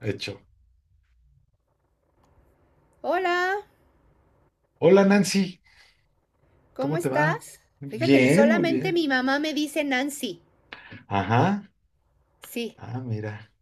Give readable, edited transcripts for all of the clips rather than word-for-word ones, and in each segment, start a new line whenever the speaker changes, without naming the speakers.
Hecho.
Hola,
Hola Nancy,
¿cómo
¿cómo te va?
estás? Fíjate que
Bien, muy
solamente
bien.
mi mamá me dice Nancy.
Ajá.
Sí,
Ah, mira.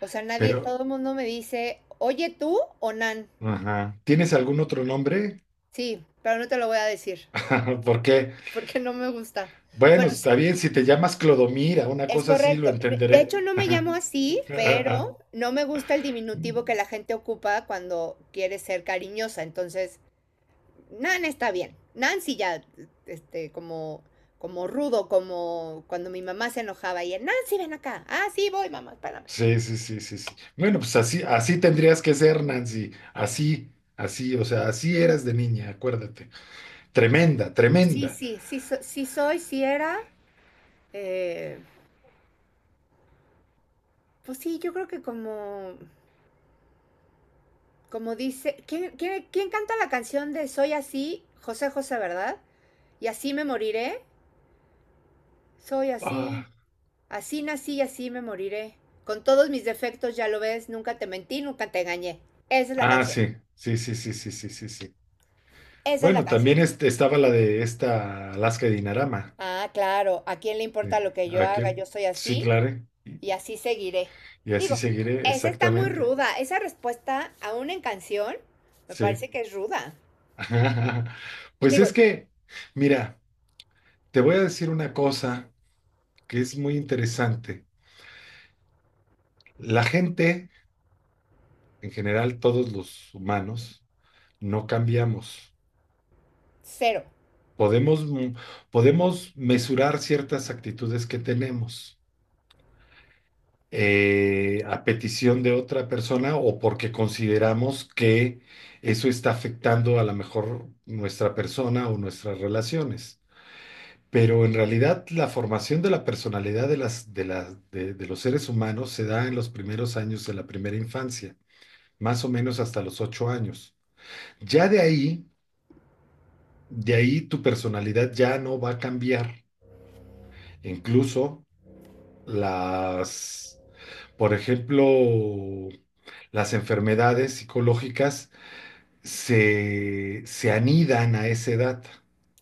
o sea, nadie,
Pero,
todo el mundo me dice, oye tú o Nan.
ajá. ¿Tienes algún otro nombre?
Sí, pero no te lo voy a decir
¿Por qué?
porque no me gusta.
Bueno,
Bueno, sí,
está bien, si te llamas Clodomira, una
es
cosa así, lo
correcto. De
entenderé.
hecho, no me llamo así, pero no me gusta el diminutivo que la gente ocupa cuando quiere ser cariñosa. Entonces, Nan está bien. Nancy ya, este, como como rudo, como cuando mi mamá se enojaba y Nancy, ven acá. Ah, sí, voy, mamá, espérame.
Sí, sí, sí, sí, sí. Bueno, pues así, así tendrías que ser, Nancy. Así, así, o sea, así eras de niña, acuérdate. Tremenda,
Sí,
tremenda.
sí, sí, sí soy, sí era. eh, pues sí, yo creo que como dice, ¿quién canta la canción de Soy así? José José, ¿verdad? Y así me moriré. Soy así,
Ah,
así nací y así me moriré. Con todos mis defectos, ya lo ves, nunca te mentí, nunca te engañé. Esa es la
ah,
canción,
sí, sí, sí, sí, sí, sí, sí, sí.
esa es la
Bueno,
canción.
también estaba la de esta Alaska Dinarama.
Ah, claro, ¿a quién le importa
De
lo que yo haga?
aquel.
Yo soy
Sí,
así,
claro. Y,
y así seguiré.
así
Digo,
seguiré,
esa está muy
exactamente.
ruda. Esa respuesta, aún en canción, me
Sí.
parece que es ruda.
Pues
Digo,
es que, mira, te voy a decir una cosa que es muy interesante. La gente, en general, todos los humanos, no cambiamos.
cero.
Podemos, podemos mesurar ciertas actitudes que tenemos. A petición de otra persona o porque consideramos que eso está afectando a lo mejor nuestra persona o nuestras relaciones. Pero en realidad la formación de la personalidad de las, de los seres humanos se da en los primeros años de la primera infancia, más o menos hasta los 8 años. Ya de ahí tu personalidad ya no va a cambiar. Incluso las. Por ejemplo, las enfermedades psicológicas se anidan a esa edad.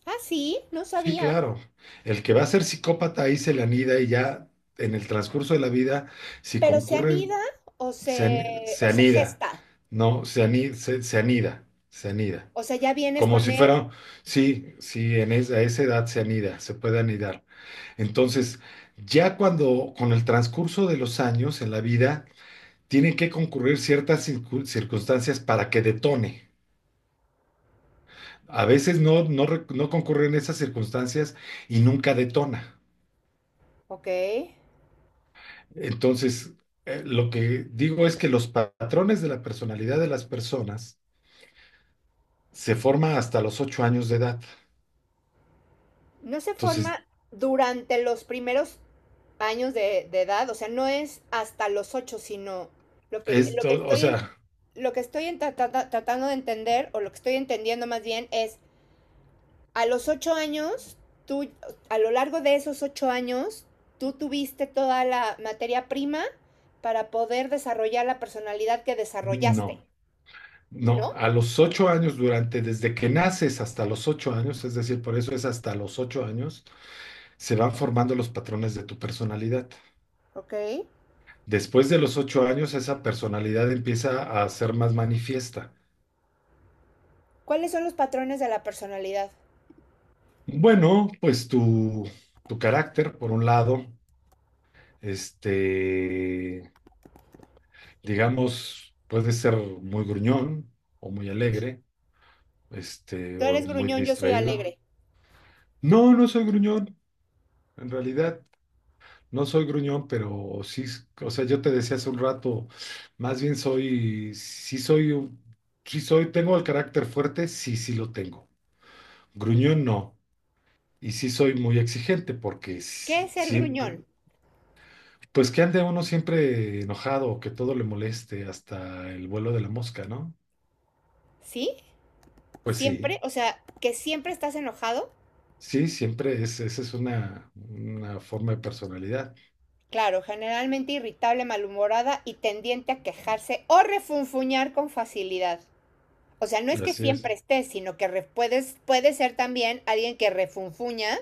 Ah, sí, no
Sí,
sabía.
claro. El que va a ser psicópata ahí se le anida, y ya en el transcurso de la vida, si
Pero se
concurren,
anida o se,
se
o se
anida.
gesta.
No, se anida, se anida.
O sea, ya vienes
Como
con
si
él.
fuera, sí, sí, en esa, a esa edad se anida, se puede anidar. Entonces, ya cuando, con el transcurso de los años en la vida, tienen que concurrir ciertas circunstancias para que detone. A veces no concurren esas circunstancias y nunca detona.
Ok.
Entonces, lo que digo es que los patrones de la personalidad de las personas se forman hasta los 8 años de edad.
No se forma
Entonces,
durante los primeros años de edad. O sea, no es hasta los ocho, sino lo
esto,
que
o
estoy,
sea,
lo que estoy tratando de entender, o lo que estoy entendiendo más bien, es a los 8 años, tú, a lo largo de esos 8 años, tú tuviste toda la materia prima para poder desarrollar la personalidad que desarrollaste,
no. No,
¿no?
a los 8 años, durante, desde que naces hasta los ocho años, es decir, por eso es hasta los ocho años, se van formando los patrones de tu personalidad.
Ok.
Después de los 8 años, esa personalidad empieza a ser más manifiesta.
¿Cuáles son los patrones de la personalidad?
Bueno, pues tu carácter, por un lado, este, digamos, puede ser muy gruñón o muy alegre, este,
Tú
o
eres
muy
gruñón, yo soy
distraído.
alegre.
No, no soy gruñón, en realidad, no soy gruñón, pero sí, o sea, yo te decía hace un rato, más bien soy, sí soy, sí soy, tengo el carácter fuerte, sí, sí lo tengo. Gruñón no. Y sí soy muy exigente porque
¿Qué es ser
siempre,
gruñón?
pues que ande uno siempre enojado o que todo le moleste, hasta el vuelo de la mosca, ¿no?
¿Sí?
Pues sí,
¿Siempre? O sea, que siempre estás enojado.
sí, siempre es, esa es una forma de personalidad.
Claro, generalmente irritable, malhumorada y tendiente a quejarse o refunfuñar con facilidad. O sea, no es que
Así es.
siempre estés, sino que puede ser también alguien que refunfuña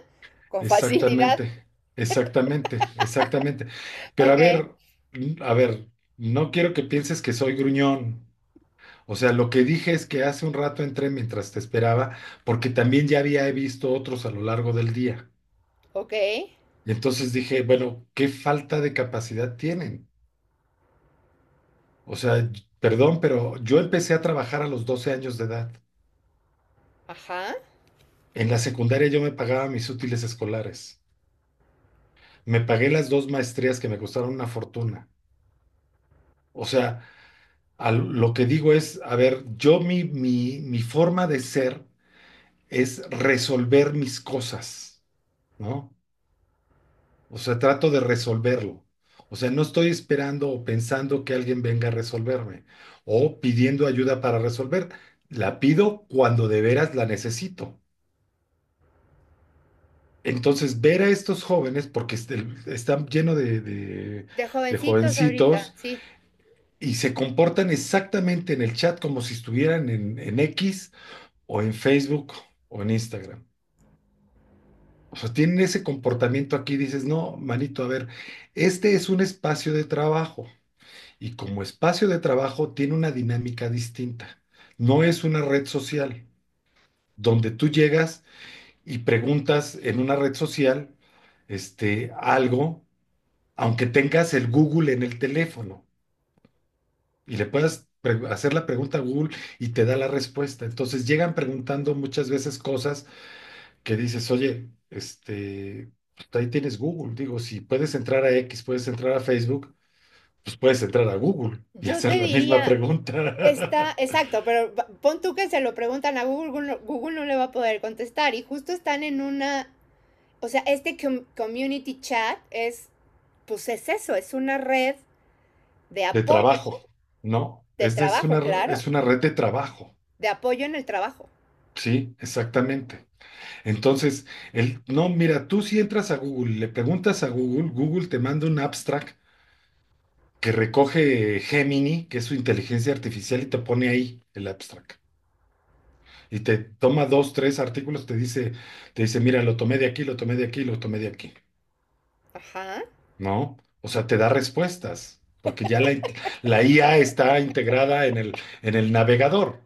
con facilidad.
Exactamente, exactamente, exactamente. Pero a
Ok,
ver, a ver, no quiero que pienses que soy gruñón. O sea, lo que dije es que hace un rato entré mientras te esperaba, porque también ya había visto otros a lo largo del día.
ok,
Y entonces dije, bueno, ¿qué falta de capacidad tienen? O sea, perdón, pero yo empecé a trabajar a los 12 años de edad.
ajá.
En la secundaria yo me pagaba mis útiles escolares. Me pagué las dos maestrías que me costaron una fortuna. O sea, lo que digo es, a ver, yo mi, mi forma de ser es resolver mis cosas. ¿No? O sea, trato de resolverlo. O sea, no estoy esperando o pensando que alguien venga a resolverme o pidiendo ayuda para resolver. La pido cuando de veras la necesito. Entonces, ver a estos jóvenes, porque están llenos de,
De
de
jovencitos ahorita,
jovencitos
sí.
y se comportan exactamente en el chat como si estuvieran en X o en Facebook o en Instagram. O sea, tienen ese comportamiento aquí, dices, no, manito, a ver, este es un espacio de trabajo. Y como espacio de trabajo tiene una dinámica distinta. No es una red social donde tú llegas y preguntas en una red social este, algo, aunque tengas el Google en el teléfono y le puedas hacer la pregunta a Google y te da la respuesta. Entonces llegan preguntando muchas veces cosas que dices, oye, este, pues ahí tienes Google. Digo, si puedes entrar a X, puedes entrar a Facebook, pues puedes entrar a Google y
Yo te
hacer la misma
diría, está,
pregunta.
exacto, pero pon tú que se lo preguntan a Google, no Google no le va a poder contestar y justo están en una, o sea, este community chat es, pues es eso, es una red de
De
apoyo,
trabajo, ¿no?
de
Es,
trabajo, claro,
es una red de trabajo.
de apoyo en el trabajo.
Sí, exactamente. Entonces, el, no, mira, tú si entras a Google, y le preguntas a Google, Google te manda un abstract que recoge Gemini, que es su inteligencia artificial, y te pone ahí el abstract. Y te toma dos, tres artículos, te dice, mira, lo tomé de aquí, lo tomé de aquí, lo tomé de aquí,
Ajá.
¿no? O sea, te da respuestas, porque ya la IA está integrada en el navegador.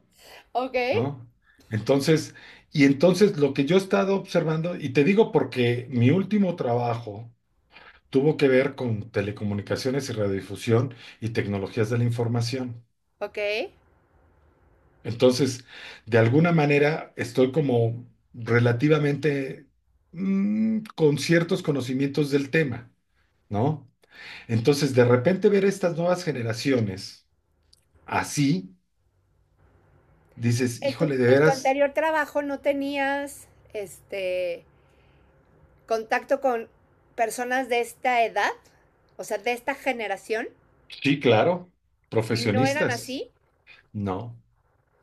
Ok.
¿No? Entonces, y entonces lo que yo he estado observando, y te digo porque mi último trabajo tuvo que ver con telecomunicaciones y radiodifusión y tecnologías de la información.
Ok.
Entonces, de alguna manera estoy como relativamente con ciertos conocimientos del tema, ¿no? Entonces, de repente ver estas nuevas generaciones así, dices, híjole, de
En tu
veras,
anterior trabajo no tenías este contacto con personas de esta edad, o sea, de esta generación,
sí, claro,
y no eran
profesionistas,
así.
¿no?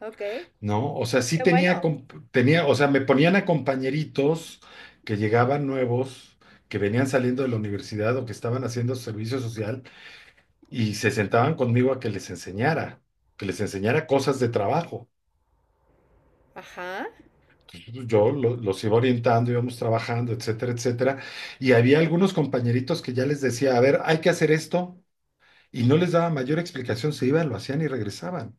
Ok. Qué
¿No? O sea, sí tenía,
bueno.
tenía, o sea, me ponían a compañeritos que llegaban nuevos, que venían saliendo de la universidad o que estaban haciendo servicio social y se sentaban conmigo a que les enseñara cosas de trabajo.
Ajá.
Entonces, yo los iba orientando, íbamos trabajando, etcétera, etcétera. Y había algunos compañeritos que ya les decía, a ver, hay que hacer esto, y no les daba mayor explicación, se iban, lo hacían y regresaban.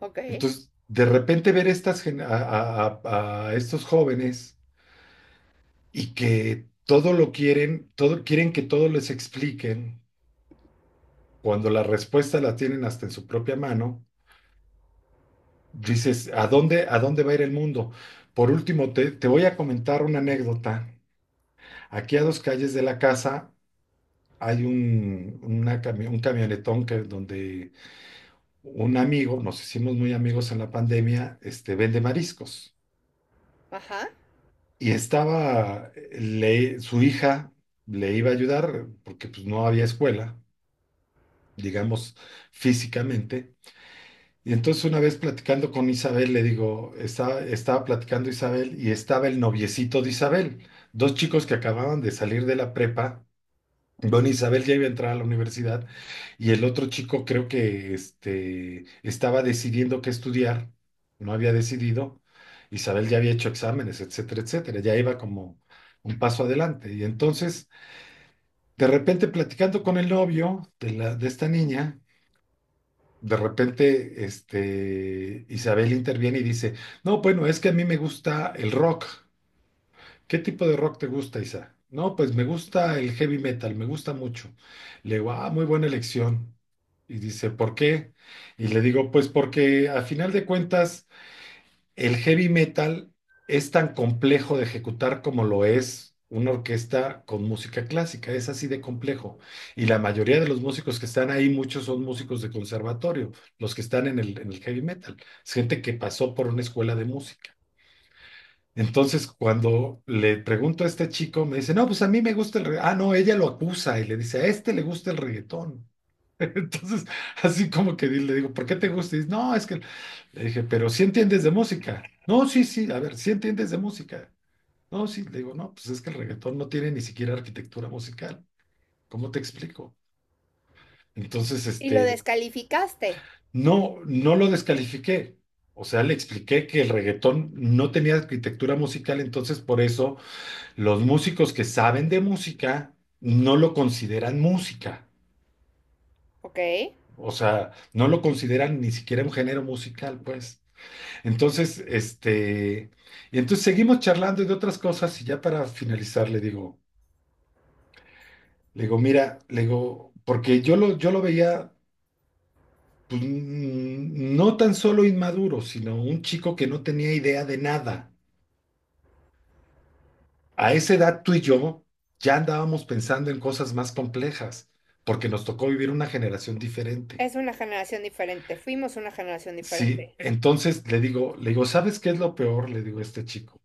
Ok.
Entonces, de repente ver estas, a estos jóvenes y que todo lo quieren, todo, quieren que todo les expliquen, cuando la respuesta la tienen hasta en su propia mano, dices, a dónde va a ir el mundo? Por último, te voy a comentar una anécdota. Aquí a dos calles de la casa hay un, una un camionetón que, donde un amigo, nos hicimos muy amigos en la pandemia, este, vende mariscos.
Ajá.
Y estaba, su hija le iba a ayudar porque pues, no había escuela, digamos, físicamente. Y entonces una vez platicando con Isabel, le digo, estaba, estaba platicando Isabel y estaba el noviecito de Isabel, dos chicos que acababan de salir de la prepa. Bueno, Isabel ya iba a entrar a la universidad y el otro chico creo que este, estaba decidiendo qué estudiar, no había decidido. Isabel ya había hecho exámenes, etcétera, etcétera, ya iba como un paso adelante. Y entonces, de repente platicando con el novio de la, de esta niña, de repente, este, Isabel interviene y dice, no, bueno, es que a mí me gusta el rock. ¿Qué tipo de rock te gusta, Isa? No, pues me gusta el heavy metal, me gusta mucho. Le digo, ah, muy buena elección. Y dice, ¿por qué? Y le digo, pues porque a final de cuentas el heavy metal es tan complejo de ejecutar como lo es una orquesta con música clásica, es así de complejo. Y la mayoría de los músicos que están ahí, muchos son músicos de conservatorio, los que están en el heavy metal, es gente que pasó por una escuela de música. Entonces, cuando le pregunto a este chico, me dice, no, pues a mí me gusta el reggaetón. Ah, no, ella lo acusa y le dice, a este le gusta el reggaetón. Entonces, así como que le digo, ¿por qué te gusta? Y dice, no, es que le dije, pero si entiendes de música. No, sí, sí, a ver, si entiendes de música. No, sí, le digo, no, pues es que el reggaetón no tiene ni siquiera arquitectura musical. ¿Cómo te explico? Entonces,
Y lo
este,
descalificaste.
no, no lo descalifiqué. O sea, le expliqué que el reggaetón no tenía arquitectura musical, entonces por eso los músicos que saben de música no lo consideran música.
Ok.
O sea, no lo consideran ni siquiera un género musical, pues. Entonces, este, y entonces seguimos charlando y de otras cosas y ya para finalizar le digo, mira, le digo, porque yo lo veía pues, no tan solo inmaduro, sino un chico que no tenía idea de nada. A esa edad tú y yo ya andábamos pensando en cosas más complejas, porque nos tocó vivir una generación diferente.
Es una generación diferente. Fuimos una generación
Sí,
diferente.
entonces le digo, ¿sabes qué es lo peor? Le digo a este chico,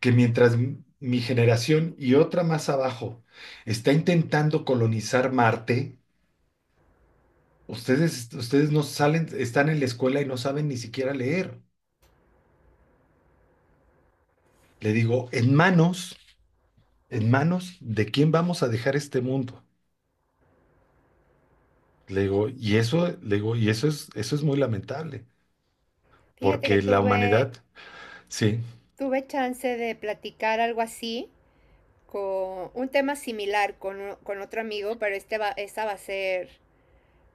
que mientras mi generación y otra más abajo está intentando colonizar Marte, ustedes, ustedes no salen, están en la escuela y no saben ni siquiera leer. Le digo, en manos de quién vamos a dejar este mundo. Le digo, y eso, le digo, y eso es muy lamentable,
Fíjate que
porque la
tuve,
humanidad, sí.
tuve chance de platicar algo así con un tema similar con otro amigo, pero esta va a ser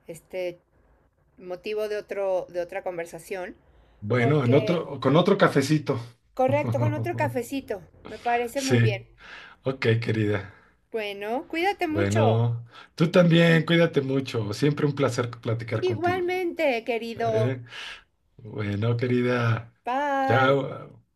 este motivo de otra conversación.
Bueno, en
Porque,
otro, con otro cafecito.
correcto, con otro cafecito. Me parece
Sí,
muy bien.
ok, querida.
Bueno, cuídate mucho.
Bueno, tú también, cuídate mucho. Siempre un placer platicar contigo.
Igualmente, querido.
¿Eh? Bueno, querida,
Bye.
chao.